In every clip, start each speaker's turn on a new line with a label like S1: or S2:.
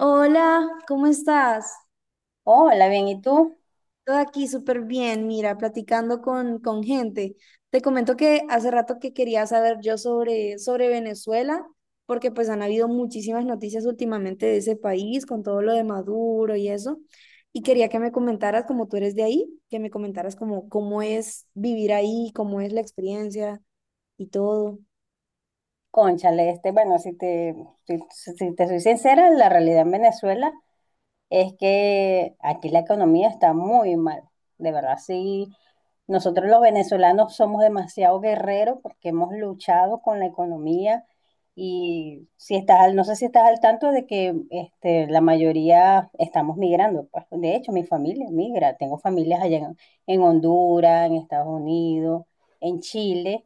S1: Hola, ¿cómo estás?
S2: Hola, bien, ¿y tú?
S1: Todo aquí súper bien, mira, platicando con gente. Te comento que hace rato que quería saber yo sobre Venezuela, porque pues han habido muchísimas noticias últimamente de ese país, con todo lo de Maduro y eso. Y quería que me comentaras, como tú eres de ahí, que me comentaras como cómo es vivir ahí, cómo es la experiencia y todo.
S2: Cónchale, bueno, si, si te soy sincera, la realidad en Venezuela es que aquí la economía está muy mal. De verdad, sí, nosotros los venezolanos somos demasiado guerreros porque hemos luchado con la economía y no sé si estás al tanto de que la mayoría estamos migrando. Pues, de hecho, mi familia migra, tengo familias allá en Honduras, en Estados Unidos, en Chile.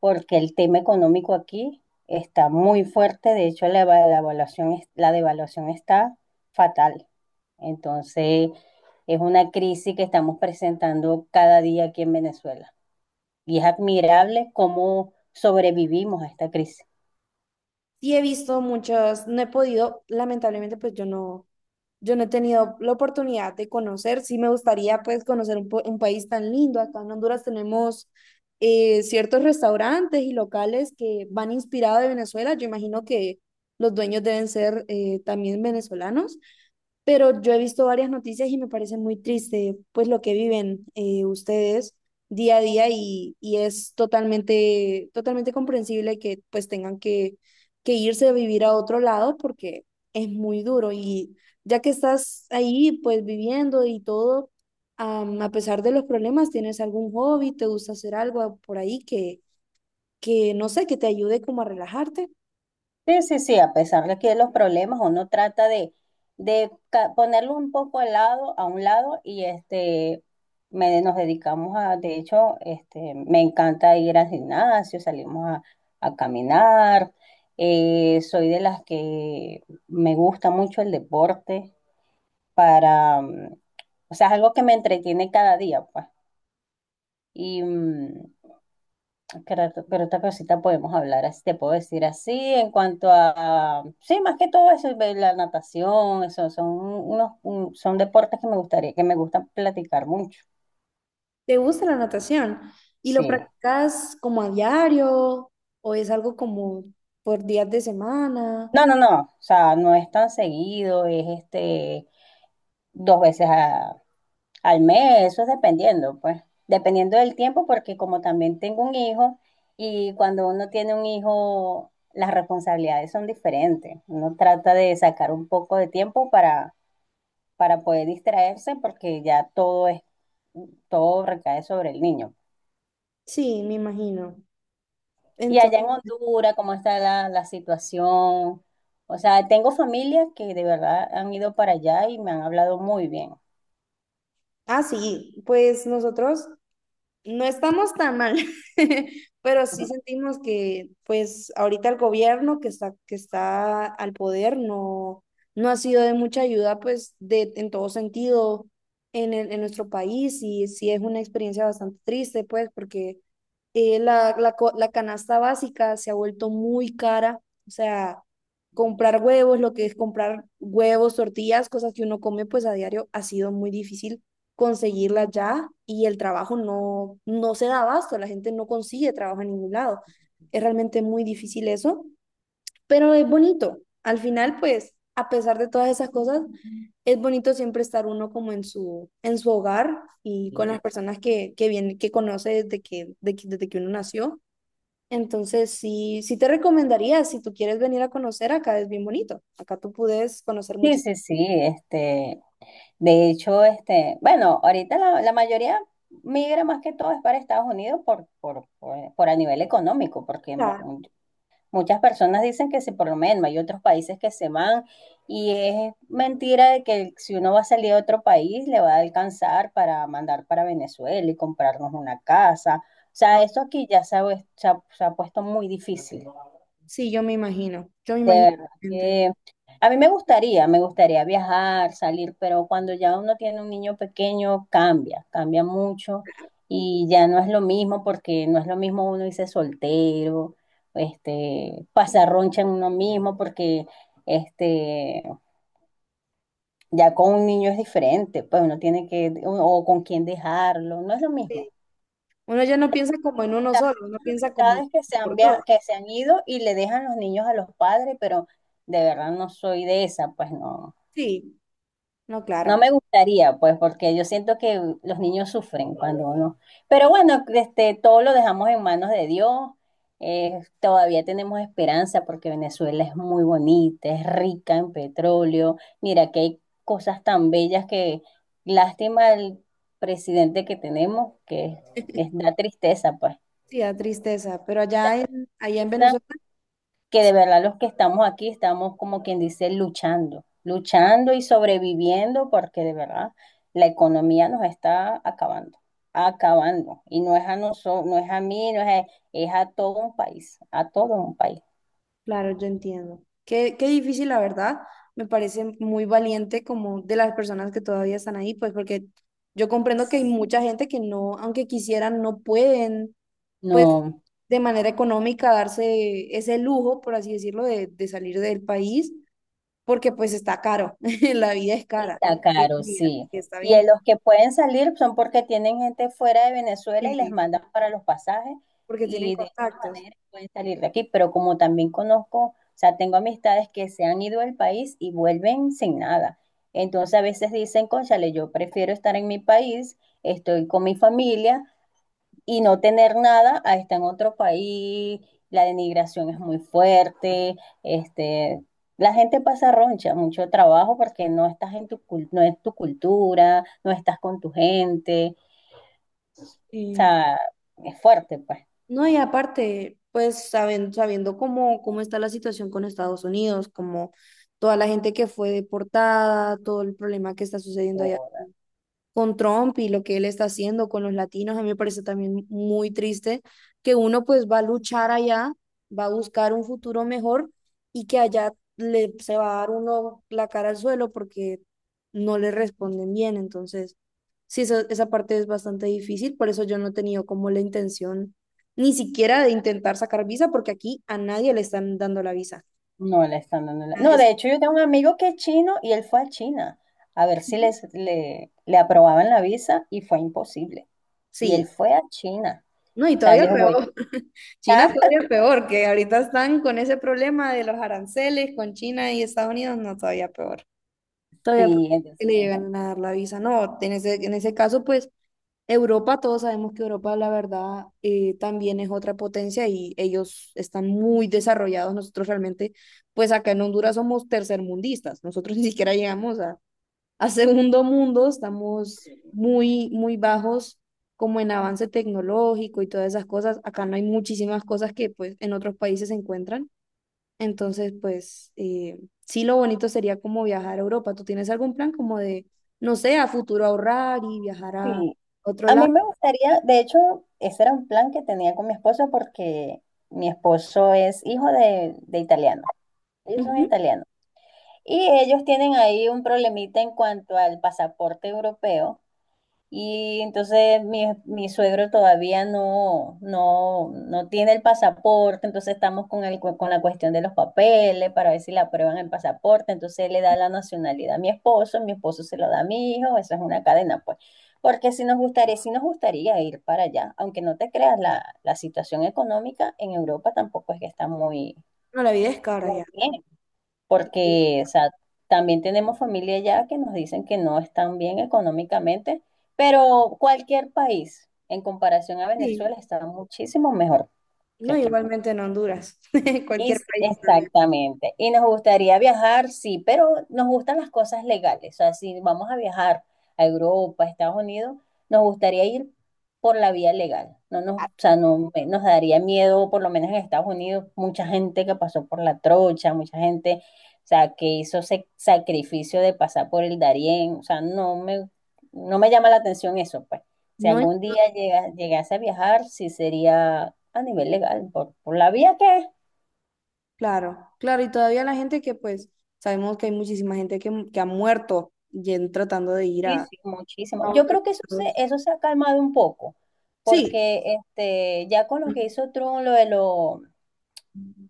S2: Porque el tema económico aquí está muy fuerte, de hecho la devaluación está fatal. Entonces, es una crisis que estamos presentando cada día aquí en Venezuela. Y es admirable cómo sobrevivimos a esta crisis.
S1: Sí he visto muchos, no he podido, lamentablemente pues yo no he tenido la oportunidad de conocer, sí me gustaría pues conocer un país tan lindo. Acá en Honduras tenemos ciertos restaurantes y locales que van inspirados de Venezuela. Yo imagino que los dueños deben ser también venezolanos, pero yo he visto varias noticias y me parece muy triste pues lo que viven ustedes día a día, y es totalmente, totalmente comprensible que pues tengan que irse a vivir a otro lado porque es muy duro. Y ya que estás ahí pues viviendo y todo, a pesar de los problemas, ¿tienes algún hobby, te gusta hacer algo por ahí que no sé, que te ayude como a relajarte?
S2: Sí, sí, sí, a pesar de que los problemas uno trata de ponerlo un poco a un lado, y nos dedicamos a, me encanta ir al gimnasio, salimos a caminar, soy de las que me gusta mucho el deporte para, o sea, es algo que me entretiene cada día, pues, y, mm, creo otra cosita podemos hablar, así te puedo decir así, en cuanto a, sí, más que todo eso, ve la natación, eso, son deportes que me gustaría, que me gustan platicar mucho,
S1: ¿Te gusta la natación? ¿Y lo
S2: sí.
S1: practicas como a diario o es algo como por días de semana?
S2: No, no, no, o sea, no es tan seguido, es dos veces a- al mes, eso es dependiendo, pues, dependiendo del tiempo, porque como también tengo un hijo, y cuando uno tiene un hijo, las responsabilidades son diferentes, uno trata de sacar un poco de tiempo para poder distraerse porque todo recae sobre el niño.
S1: Sí, me imagino.
S2: Y
S1: Entonces,
S2: allá en Honduras, ¿cómo está la situación? O sea, tengo familias que de verdad han ido para allá y me han hablado muy bien.
S1: ah, sí, pues nosotros no estamos tan mal, pero sí sentimos que, pues, ahorita el gobierno que está al poder no, no ha sido de mucha ayuda, pues, en todo sentido en en nuestro país. Y sí es una experiencia bastante triste, pues, porque la canasta básica se ha vuelto muy cara. O sea, comprar huevos, lo que es comprar huevos, tortillas, cosas que uno come, pues, a diario ha sido muy difícil conseguirla ya. Y el trabajo no se da abasto, la gente no consigue trabajo en ningún lado. Es realmente muy difícil eso, pero es bonito. Al final, pues, a pesar de todas esas cosas, es bonito siempre estar uno como en su hogar y con
S2: Ujú.
S1: las personas que conoce desde que uno nació. Entonces, sí, sí te recomendaría, si tú quieres venir a conocer, acá es bien bonito. Acá tú puedes conocer
S2: Sí,
S1: muchísimas.
S2: sí, sí, de hecho, bueno, ahorita la mayoría migra más que todo es para Estados Unidos por a nivel económico, muchas personas dicen que sí, por lo menos hay otros países que se van y es mentira de que si uno va a salir a otro país le va a alcanzar para mandar para Venezuela y comprarnos una casa. O sea, esto aquí ya se ha, vues- se ha puesto muy difícil.
S1: Sí, yo me imagino, yo me
S2: De
S1: imagino.
S2: verdad
S1: Gente.
S2: que a mí me gustaría viajar, salir, pero cuando ya uno tiene un niño pequeño cambia, cambia mucho y ya no es lo mismo porque no es lo mismo uno irse soltero, pasar roncha en uno mismo porque este, ya con un niño es diferente, pues uno tiene que, o con quién dejarlo, no es lo mismo.
S1: Uno ya no piensa como en uno solo, uno
S2: Hay
S1: piensa como en
S2: amistades
S1: por dos.
S2: que se han ido y le dejan los niños a los padres, pero de verdad no soy de esa, pues no.
S1: Sí, no,
S2: No
S1: claro.
S2: me gustaría, pues, porque yo siento que los niños sufren cuando uno. Pero bueno, todo lo dejamos en manos de Dios. Todavía tenemos esperanza porque Venezuela es muy bonita, es rica en petróleo. Mira que hay cosas tan bellas que lástima el presidente que tenemos, que es, da tristeza, pues.
S1: Sí, da tristeza, pero allá allá en Venezuela,
S2: Que de verdad los que estamos aquí estamos como quien dice luchando, luchando y sobreviviendo porque de verdad la economía nos está acabando, acabando. Y no es a nosotros, no es a mí, no es a, es a todo un país, a todo un país.
S1: claro, yo entiendo. Qué difícil, la verdad. Me parece muy valiente como de las personas que todavía están ahí, pues porque yo comprendo que hay
S2: Sí.
S1: mucha gente que no, aunque quisieran, no pueden, pues
S2: No,
S1: de manera económica darse ese lujo, por así decirlo, de salir del país, porque pues está caro, la vida es cara.
S2: está
S1: Sí
S2: caro,
S1: y
S2: sí.
S1: está
S2: Y en
S1: bien.
S2: los que pueden salir son porque tienen gente fuera de Venezuela y les
S1: Sí.
S2: mandan para los pasajes
S1: Porque tienen
S2: y de esta
S1: contactos.
S2: manera pueden salir de aquí. Pero como también conozco, o sea, tengo amistades que se han ido del país y vuelven sin nada. Entonces a veces dicen, cónchale, yo prefiero estar en mi país, estoy con mi familia y no tener nada a estar en otro país, la denigración es muy fuerte, este, la gente pasa roncha, mucho trabajo porque no estás en tu, cul- no es tu cultura, no estás con tu gente, o
S1: Y,
S2: sea, es fuerte, pues.
S1: no, y aparte, pues saben, sabiendo cómo está la situación con Estados Unidos, como toda la gente que fue deportada, todo el problema que está sucediendo allá
S2: o-
S1: con Trump y lo que él está haciendo con los latinos. A mí me parece también muy triste que uno pues va a luchar allá, va a buscar un futuro mejor, y que allá se va a dar uno la cara al suelo porque no le responden bien. Entonces, sí, esa parte es bastante difícil, por eso yo no he tenido como la intención ni siquiera de intentar sacar visa porque aquí a nadie le están dando la visa.
S2: No le están dando
S1: Nadie
S2: no,
S1: es-.
S2: de hecho yo tengo un amigo que es chino y él fue a China a ver si
S1: Ujú.
S2: le aprobaban la visa y fue imposible. Y él
S1: Sí.
S2: fue a China,
S1: No, y
S2: o sea,
S1: todavía
S2: les voy
S1: peor. China
S2: a...
S1: todavía peor, que ahorita están con ese problema de los aranceles con China y Estados Unidos, no, todavía peor. Todavía peor
S2: Sí,
S1: que le
S2: entonces,
S1: llegan a dar la visa. No, en ese, caso, pues Europa, todos sabemos que Europa, la verdad, también es otra potencia y ellos están muy desarrollados. Nosotros realmente, pues acá en Honduras somos tercermundistas. Nosotros ni siquiera llegamos a segundo mundo, estamos muy, muy bajos como en avance tecnológico y todas esas cosas. Acá no hay muchísimas cosas que pues en otros países se encuentran. Entonces, pues sí, lo bonito sería como viajar a Europa. ¿Tú tienes algún plan como de, no sé, a futuro ahorrar y viajar a
S2: sí,
S1: otro
S2: a
S1: lado?
S2: mí me gustaría, de hecho, ese era un plan que tenía con mi esposo porque mi esposo es hijo de italiano, ellos son
S1: Ujú.
S2: italianos y ellos tienen ahí un problemita en cuanto al pasaporte europeo. Y entonces mi suegro todavía no tiene el pasaporte, entonces estamos con con la cuestión de los papeles para ver si le aprueban el pasaporte, entonces él le da la nacionalidad a mi esposo se lo da a mi hijo, eso es una cadena, pues. Porque si nos gustaría, si nos gustaría ir para allá, aunque no te creas, la situación económica en Europa tampoco es que está muy,
S1: No, la vida es cara
S2: muy
S1: ya.
S2: bien porque, o sea, también tenemos familia allá que nos dicen que no están bien económicamente, pero cualquier país en comparación a
S1: Sí,
S2: Venezuela está muchísimo mejor que
S1: no,
S2: aquí.
S1: igualmente en Honduras,
S2: Y
S1: cualquier
S2: sí,
S1: país también.
S2: exactamente. Y nos gustaría viajar, sí, pero nos gustan las cosas legales. O sea, si vamos a viajar a Europa, a Estados Unidos, nos gustaría ir por la vía legal. No nos, o sea, no me- Nos daría miedo, por lo menos en Estados Unidos, mucha gente que pasó por la trocha, mucha gente, o sea, que hizo ese sacrificio de pasar por el Darién. O sea, no me llama la atención eso, pues. Si
S1: No.
S2: algún día llega- llegase a viajar, sí sería a nivel legal, por la vía que es.
S1: Claro, claro, y todavía la gente que pues sabemos que hay muchísima gente que ha muerto y tratando de ir
S2: Sí,
S1: a,
S2: sí, muchísimo.
S1: a
S2: Yo
S1: otros
S2: creo que
S1: estados.
S2: eso se ha calmado un poco,
S1: Sí,
S2: porque ya con lo que hizo Trump, lo de lo, o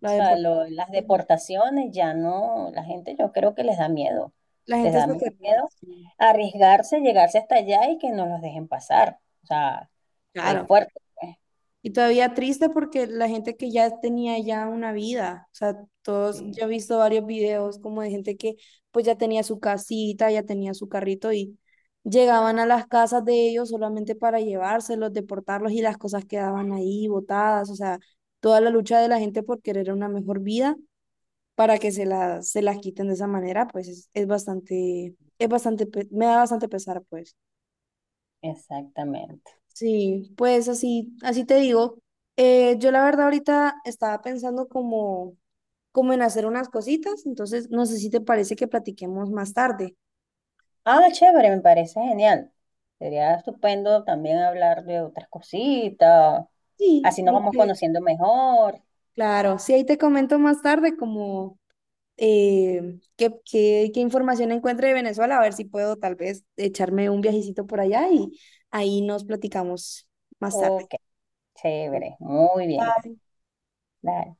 S1: la
S2: sea,
S1: depor-.
S2: lo- las deportaciones, ya no, la gente yo creo que les da miedo,
S1: La
S2: les
S1: gente se
S2: da mucho
S1: queda.
S2: miedo arriesgarse, llegarse hasta allá y que no los dejen pasar. O sea, es
S1: Claro.
S2: fuerte, pues.
S1: Y todavía triste porque la gente que ya tenía ya una vida, o sea, todos,
S2: Sí,
S1: yo he visto varios videos como de gente que pues ya tenía su casita, ya tenía su carrito, y llegaban a las casas de ellos solamente para llevárselos, deportarlos, y las cosas quedaban ahí botadas. O sea, toda la lucha de la gente por querer una mejor vida para que se la, se las quiten de esa manera, pues es bastante, es bastante, me da bastante pesar, pues.
S2: exactamente.
S1: Sí, pues así, así te digo. Yo la verdad ahorita estaba pensando como en hacer unas cositas, entonces no sé si te parece que platiquemos más tarde.
S2: Ah, chévere, me parece genial. Sería estupendo también hablar de otras cositas,
S1: Sí,
S2: así nos
S1: ahí
S2: vamos
S1: te-.
S2: conociendo mejor.
S1: Claro, sí, ahí te comento más tarde como qué información encuentre de Venezuela, a ver si puedo tal vez echarme un viajecito por allá y ahí nos platicamos más tarde.
S2: Ok. Chévere, muy bien.
S1: Bye.
S2: Dale.